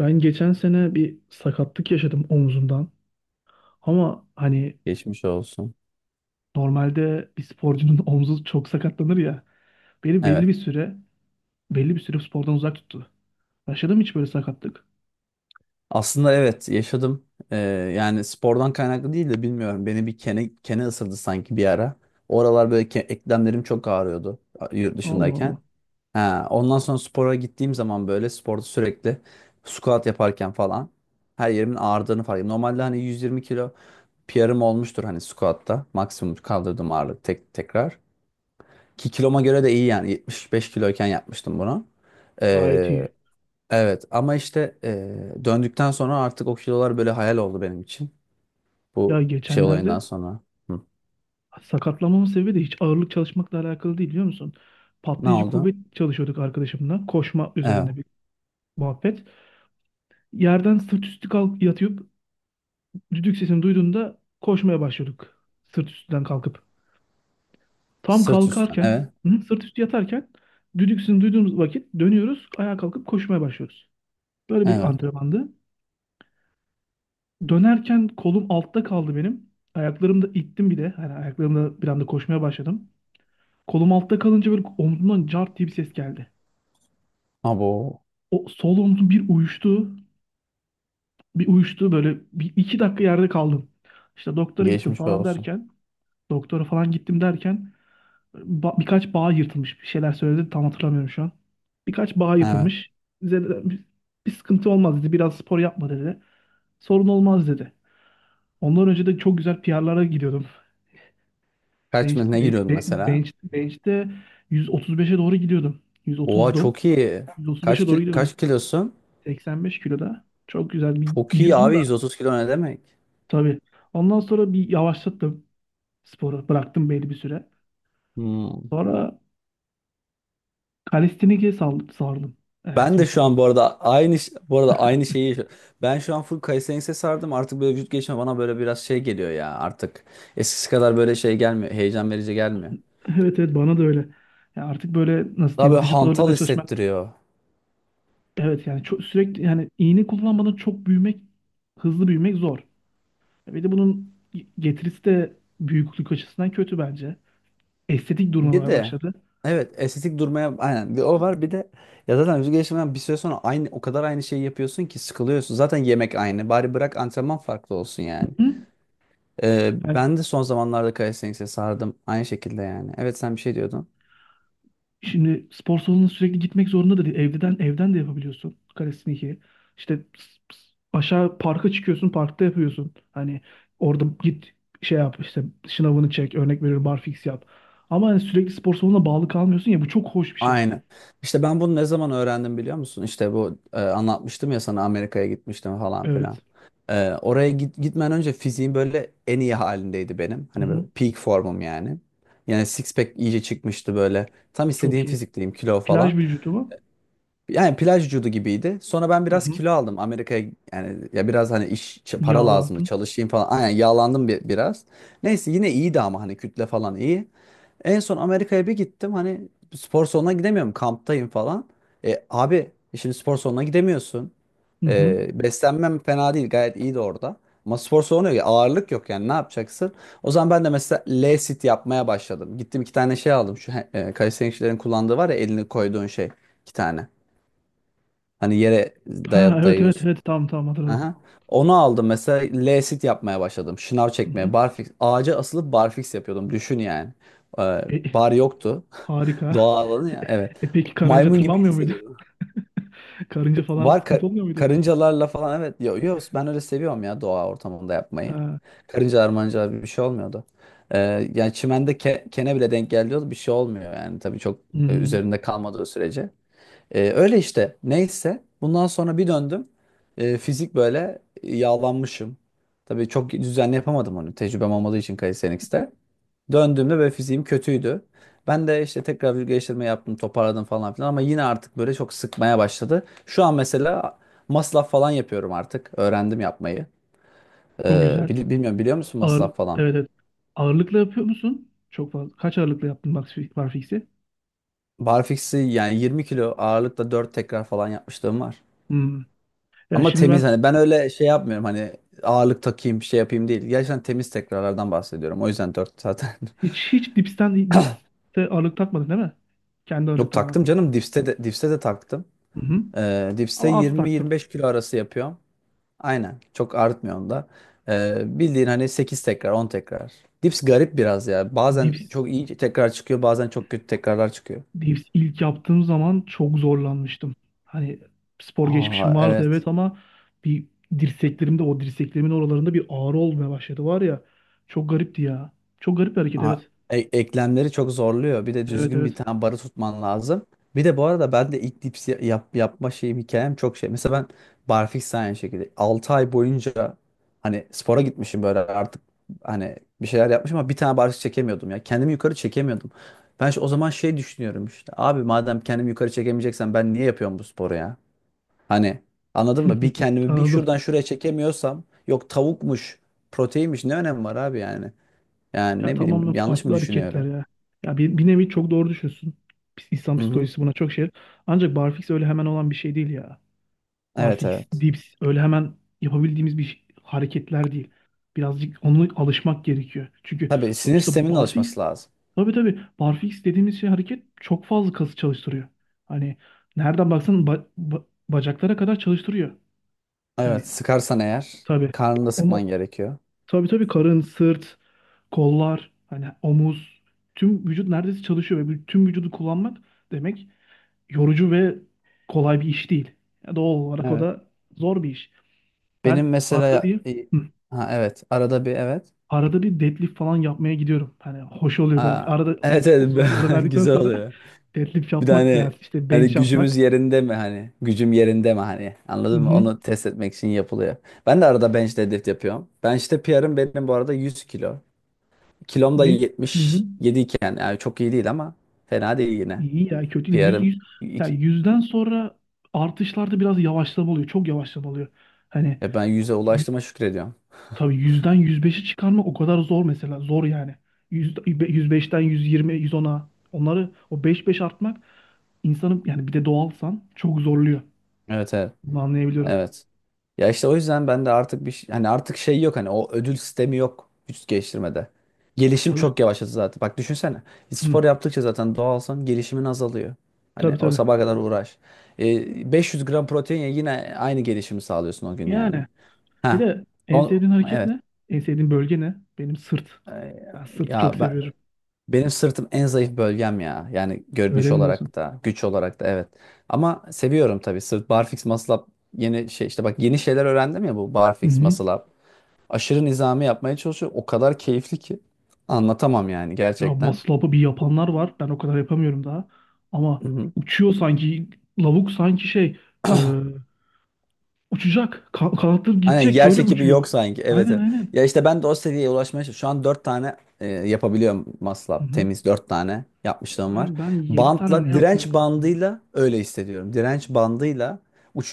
Ben geçen sene bir sakatlık yaşadım omzumdan. Ama hani Geçmiş olsun. normalde bir sporcunun omzu çok sakatlanır ya. Beni belli Evet. bir süre belli bir süre spordan uzak tuttu. Yaşadım hiç böyle sakatlık. Aslında evet yaşadım. Yani spordan kaynaklı değil de bilmiyorum. Beni bir kene ısırdı sanki bir ara. Oralar böyle eklemlerim çok ağrıyordu yurt Allah dışındayken. Allah. Ha, ondan sonra spora gittiğim zaman böyle sporda sürekli squat yaparken falan her yerimin ağrıdığını fark ettim. Normalde hani 120 kilo PR'ım olmuştur hani squatta. Maksimum kaldırdığım ağırlık tek, tekrar. Ki kiloma göre de iyi yani 75 kiloyken yapmıştım bunu. Gayet iyi. Ee, Evet ama işte döndükten sonra artık o kilolar böyle hayal oldu benim için. Ya Bu şey olayından geçenlerde sonra. Hı. sakatlanmamın sebebi de hiç ağırlık çalışmakla alakalı değil biliyor musun? Ne Patlayıcı kuvvet oldu? çalışıyorduk arkadaşımla. Koşma Evet. üzerine bir muhabbet. Yerden sırt üstü kalk yatıp düdük sesini duyduğunda koşmaya başlıyorduk. Sırt üstünden kalkıp. Tam Sırt üstten. kalkarken, Evet. hı, sırt üstü yatarken düdüksünü duyduğumuz vakit dönüyoruz, ayağa kalkıp koşmaya başlıyoruz. Böyle bir Evet. antrenmandı. Dönerken kolum altta kaldı benim. Ayaklarımda ittim bir de. Hani ayaklarımda bir anda koşmaya başladım. Kolum altta kalınca böyle omzumdan cart diye bir ses geldi. Abo. O sol omzum bir uyuştu. Bir uyuştu böyle bir iki dakika yerde kaldım. İşte doktora gittim Geçmiş falan olsun. derken, doktora falan gittim derken birkaç bağ yırtılmış bir şeyler söyledi tam hatırlamıyorum şu an. Birkaç bağ Evet. yırtılmış. Bize de- bir sıkıntı olmaz dedi. Biraz spor yapma dedi. Sorun olmaz dedi. Ondan önce de çok güzel PR'lara gidiyordum. Kaç Bench, mı ne be- giriyordun be- mesela? bench, bench'te 135'e doğru gidiyordum. Oha 130'dum. çok iyi. 135'e Kaç doğru ki- gidiyordum. kaç kilosun? 85 kiloda. Çok güzel bir Çok iyi gidiyordum da abi 130 kilo ne demek? tabii. Ondan sonra bir yavaşlattım sporu. Bıraktım belli bir süre. Hmm. Sonra kalistenike sal- sardım. Ben de İsmini şu söyleyeyim. an bu arada aynı şeyi yaşıyorum. Ben şu an full Kayseri'ye sardım. Artık böyle vücut gelişimi bana böyle biraz şey geliyor ya artık. Eskisi kadar böyle şey gelmiyor. Heyecan verici gelmiyor. Evet evet, bana da öyle. Ya artık böyle nasıl Daha diyeyim böyle vücut hantal ağırlığında çalışmak. hissettiriyor. Evet, yani çok sürekli, yani iğne kullanmadan çok büyümek, hızlı büyümek zor. Bir de bunun getirisi de büyüklük açısından kötü bence. Estetik Bir durmamaya de başladı. evet estetik durmaya aynen bir o var bir de ya zaten vücut gelişiminden bir süre sonra aynı o kadar aynı şeyi yapıyorsun ki sıkılıyorsun. Zaten yemek aynı. Bari bırak antrenman farklı olsun yani. Hı? Yani Ben de son zamanlarda Kayseri'ye sardım. Aynı şekilde yani. Evet sen bir şey diyordun. şimdi spor salonuna sürekli gitmek zorunda da değil. Evden de yapabiliyorsun kalistenik'i. İşte aşağı parka çıkıyorsun, parkta yapıyorsun. Hani orada git şey yap işte şınavını çek, örnek veriyorum barfiks yap. Ama hani sürekli spor salonuna bağlı kalmıyorsun ya, bu çok hoş bir şey. Aynen. İşte ben bunu ne zaman öğrendim biliyor musun? İşte bu anlatmıştım ya sana Amerika'ya gitmiştim falan Evet. filan. Oraya gitmeden önce fiziğim böyle en iyi halindeydi benim. Hani böyle Hı-hı. peak formum yani. Yani six pack iyice çıkmıştı böyle. Tam Çok istediğim iyi. fizikteyim kilo Plaj falan. vücudu mu? Yani plaj vücudu gibiydi. Sonra ben biraz Hı-hı. kilo aldım Amerika'ya yani ya biraz hani iş para lazımdı Yağlandın. çalışayım falan. Aynen yağlandım biraz. Neyse yine iyiydi ama hani kütle falan iyi. En son Amerika'ya bir gittim hani spor salonuna gidemiyorum kamptayım falan. Abi şimdi spor salonuna gidemiyorsun. Hı-hı. Beslenmem fena değil gayet iyiydi orada. Ama spor salonu yok ağırlık yok yani ne yapacaksın? O zaman ben de mesela L-sit yapmaya başladım. Gittim 2 tane şey aldım şu kalistenikçilerin kullandığı var ya elini koyduğun şey 2 tane. Hani yere Ha evet evet dayıyorsun. evet, tamam tamam, hatırladım. Aha. Onu aldım mesela L-sit yapmaya başladım. Şınav Hı-hı. çekmeye. Barfix. Ağaca asılıp barfix yapıyordum. Düşün yani. Ee, E, e, bar yoktu. Harika. Doğal alanı ya. Evet. E peki karınca Maymun gibi tırmanmıyor muydu? hissediyordum. Karınca falan Var ka- sıkıntı olmuyor muydu? Karıncalarla falan evet. Yok yok ben öyle seviyorum ya doğa ortamında yapmayı. Ha. Karıncalar mancalar bir şey olmuyordu. Ee, Yani çimende kene bile denk geliyordu. Bir şey olmuyor yani. Tabii çok Hı, hı. üzerinde kalmadığı sürece. Öyle işte. Neyse. Bundan sonra bir döndüm. Fizik böyle yağlanmışım. Tabii çok düzenli yapamadım onu. Tecrübem olmadığı için Calisthenics'te. Döndüğümde böyle fiziğim kötüydü. Ben de işte tekrar vücut geliştirme yaptım, toparladım falan filan ama yine artık böyle çok sıkmaya başladı. Şu an mesela masraf falan yapıyorum artık. Öğrendim yapmayı. Çok güzel. Bilmiyorum biliyor musun Ağır, masraf falan? evet, evet. Ağırlıkla yapıyor musun? Çok fazla. Kaç ağırlıkla yaptın max barfix'i? Barfix'i yani 20 kilo ağırlıkla 4 tekrar falan yapmışlığım var. Hmm. Ya Ama şimdi temiz ben hani ben öyle şey yapmıyorum hani ağırlık takayım bir şey yapayım değil. Gerçekten temiz tekrarlardan bahsediyorum. O yüzden 4 zaten. hiç dipste ağırlık takmadın değil mi? Kendi ağırlık Yok tamamen. taktım canım dipste de taktım. Hı hı. Dipste Ama az taktım. 20-25 kilo arası yapıyorum. Aynen çok artmıyorum da. Bildiğin hani 8 tekrar 10 tekrar. Dips garip biraz ya. Bazen Dips, çok iyi tekrar çıkıyor bazen çok kötü tekrarlar çıkıyor. dips ilk yaptığım zaman çok zorlanmıştım. Hani spor geçmişim Aa vardı evet. evet, ama bir dirseklerimde, o dirseklerimin oralarında bir ağrı olmaya başladı var ya. Çok garipti ya. Çok garip bir hareket Ha, evet. Eklemleri çok zorluyor. Bir de Evet düzgün bir evet. tane barı tutman lazım. Bir de bu arada ben de ilk dips yapma şeyim hikayem çok şey. Mesela ben barfiks de aynı şekilde 6 ay boyunca hani spora gitmişim böyle artık hani bir şeyler yapmışım ama bir tane barfiks çekemiyordum ya. Kendimi yukarı çekemiyordum. Ben o zaman şey düşünüyorum işte. Abi madem kendimi yukarı çekemeyeceksen ben niye yapıyorum bu sporu ya? Hani anladın mı? Bir kendimi bir Anladım. şuradan şuraya çekemiyorsam yok tavukmuş, proteinmiş ne önemi var abi yani? Yani Ya ne tamamen bileyim yanlış mı farklı hareketler düşünüyorum? ya. Ya bir nevi çok doğru düşünsün. İnsan Hı hı. psikolojisi buna çok şey. Ancak barfix öyle hemen olan bir şey değil ya. Evet Barfix, evet. dips öyle hemen yapabildiğimiz hareketler değil. Birazcık ona alışmak gerekiyor. Çünkü Tabii sinir sonuçta sisteminin barfix, alışması lazım. tabii tabii, barfix dediğimiz şey hareket çok fazla kası çalıştırıyor. Hani nereden baksan bacaklara kadar çalıştırıyor. Evet Hani sıkarsan eğer tabii. karnını da Onu, sıkman gerekiyor. tabii tabii, karın, sırt, kollar, hani omuz, tüm vücut neredeyse çalışıyor ve tüm vücudu kullanmak demek yorucu ve kolay bir iş değil. Ya doğal olarak o Evet. da zor bir iş. Benim Ben arada mesela bir, hı, ha evet arada bir evet. arada bir deadlift falan yapmaya gidiyorum. Hani hoş oluyor böyle bir Aa, arada evet evet uzun bir ara verdikten güzel sonra oluyor. deadlift Bir de yapmak hani veya işte hani bench gücümüz yapmak. yerinde mi hani gücüm yerinde mi hani Hı anladın mı? hı. Onu test etmek için yapılıyor. Ben de arada bench deadlift yapıyorum. Bench'te PR'ım benim bu arada 100 kilo. Kilom da Bench, hı hı. 77 iken yani çok iyi değil ama fena değil yine. İyi ya, kötü değil. Bir ara Ya iki, yüzden sonra artışlarda biraz yavaşlama oluyor. Çok yavaşlama oluyor. Hani ben yüze ulaştığıma şükrediyorum. tabii, yüzden yüz beşi çıkarmak o kadar zor mesela. Zor yani. Yüz, yüz beşten yüz yirmi, 100 ona, onları o beş beş artmak insanı, yani bir de doğalsan, çok zorluyor. Evet evet. Bunu anlayabiliyorum. Evet. Ya işte o yüzden ben de artık hani artık şey yok hani o ödül sistemi yok vücut geliştirmede. Gelişim Çalış. çok yavaşladı zaten. Bak düşünsene. Spor Hı, yaptıkça zaten doğalsan gelişimin azalıyor. Hani tabii o tabii. sabaha kadar uğraş. 500 gram protein ye yine aynı gelişimi sağlıyorsun o gün yani. Yani bir Ha. de en O, sevdiğin hareket evet. ne? En sevdiğin bölge ne? Benim sırt. E, Ben sırtı çok ya ben, seviyorum. Benim sırtım en zayıf bölgem ya. Yani görünüş Öyle mi diyorsun? olarak da, güç olarak da evet. Ama seviyorum tabii. Sırt barfix muscle up yeni şey işte bak yeni şeyler öğrendim ya bu Hı barfix hı. muscle up. Aşırı nizami yapmaya çalışıyorum. O kadar keyifli ki anlatamam yani Ya gerçekten. maslapı bir yapanlar var. Ben o kadar yapamıyorum daha. Ama Hı hı. uçuyor sanki. Lavuk sanki şey. Uçacak. Kanatları Aynen gidecek. yer Öyle çekimi uçuyor. yok sanki. Evet, Aynen evet. aynen. Ya işte ben de o seviyeye ulaşmaya çalışıyorum. Şu an 4 tane yapabiliyorum Hı maslap. hı. Temiz 4 tane yapmışlığım var. Ben 7 tane mi ne Bantla, yaptım ya direnç kızım ya. bandıyla öyle hissediyorum. Direnç bandıyla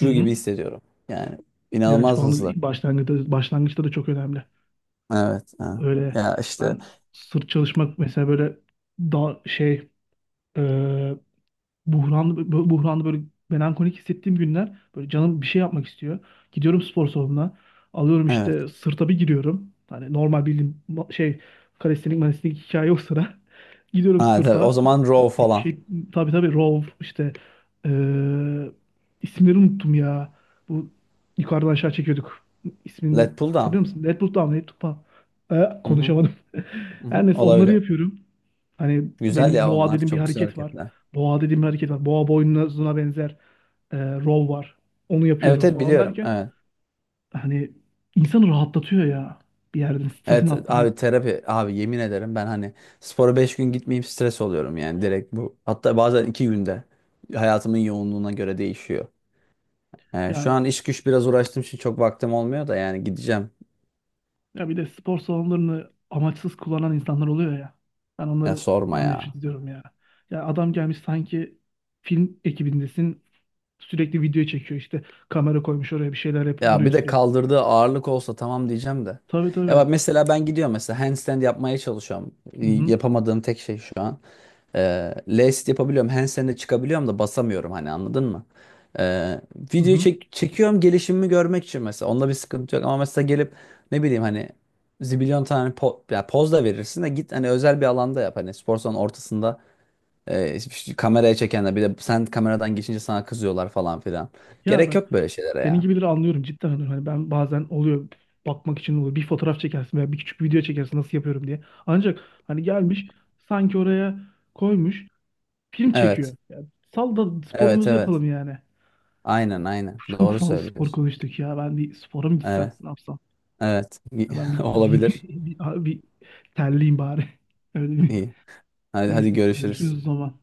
Hı hı. gibi hissediyorum. Yani Direnç inanılmaz hızlı. bandı başlangıçta, başlangıçta da çok önemli. Evet. Ha. Öyle, Ya işte ben sırt çalışmak mesela böyle daha şey, e, buhranlı buhranlı böyle melankolik hissettiğim günler böyle canım bir şey yapmak istiyor. Gidiyorum spor salonuna. Alıyorum evet. işte sırta bir giriyorum. Hani normal bildiğim şey kalestenik malestenik hikaye yok sıra. Gidiyorum Ha, tabii. O sırta. zaman row falan. Şey, tabii tabii row işte eee isimleri unuttum ya. Bu yukarıdan aşağı çekiyorduk. Let İsmin pull down. hatırlıyor musun? Deadpool Down, Deadpool Down. Hı hı. Konuşamadım. Hı hı. Her neyse onları Olabilir. yapıyorum. Hani Güzel benim ya boğa onlar. dediğim bir Çok güzel hareket var. hareketler. Boğa dediğim bir hareket var. Boğa boynuzuna benzer, rol var. Onu Evet, yapıyorum evet falan biliyorum. derken, Evet. hani insanı rahatlatıyor ya. Bir yerden stresini Evet attırıyor. abi terapi abi yemin ederim ben hani spora 5 gün gitmeyeyim stres oluyorum yani direkt bu. Hatta bazen 2 günde hayatımın yoğunluğuna göre değişiyor. Yani şu Ya, an iş güç biraz uğraştığım için çok vaktim olmuyor da yani gideceğim. ya bir de spor salonlarını amaçsız kullanan insanlar oluyor ya. Ben Ya sorma onlardan ya. nefret ediyorum ya. Ya adam gelmiş sanki film ekibindesin. Sürekli video çekiyor işte. Kamera koymuş oraya bir şeyler yapıp Ya duruyor bir de sürekli. kaldırdığı ağırlık olsa tamam diyeceğim de. Tabii Ya tabii. bak mesela ben gidiyorum mesela handstand yapmaya çalışıyorum. Hı hı, Yapamadığım tek şey şu an. Last yapabiliyorum. Handstand'e çıkabiliyorum da basamıyorum hani anladın mı? Ee, hı Videoyu hı. Çekiyorum gelişimimi görmek için mesela. Onda bir sıkıntı yok ama mesela gelip ne bileyim hani zibilyon tane po ya poz da verirsin de git hani özel bir alanda yap. Hani spor salonun ortasında işte kameraya çekenler bir de sen kameradan geçince sana kızıyorlar falan filan. Ya Gerek bak, yok böyle şeylere senin ya. gibileri anlıyorum cidden. Anlıyorum. Hani ben bazen oluyor, bakmak için oluyor. Bir fotoğraf çekersin veya bir küçük bir video çekersin nasıl yapıyorum diye. Ancak hani gelmiş sanki oraya koymuş film Evet. çekiyor. Ya, sal da Evet sporumuzu evet. yapalım yani. Aynen aynen. Çok Doğru fazla spor söylüyorsun. konuştuk ya. Ben bir spora mı gitsem Evet. ne yapsam? Evet. Ya ben bir gideyim Olabilir. bir terleyeyim bari. Öyle bir. İyi. Hadi, hadi Neyse görüşürüz. görüşürüz o zaman.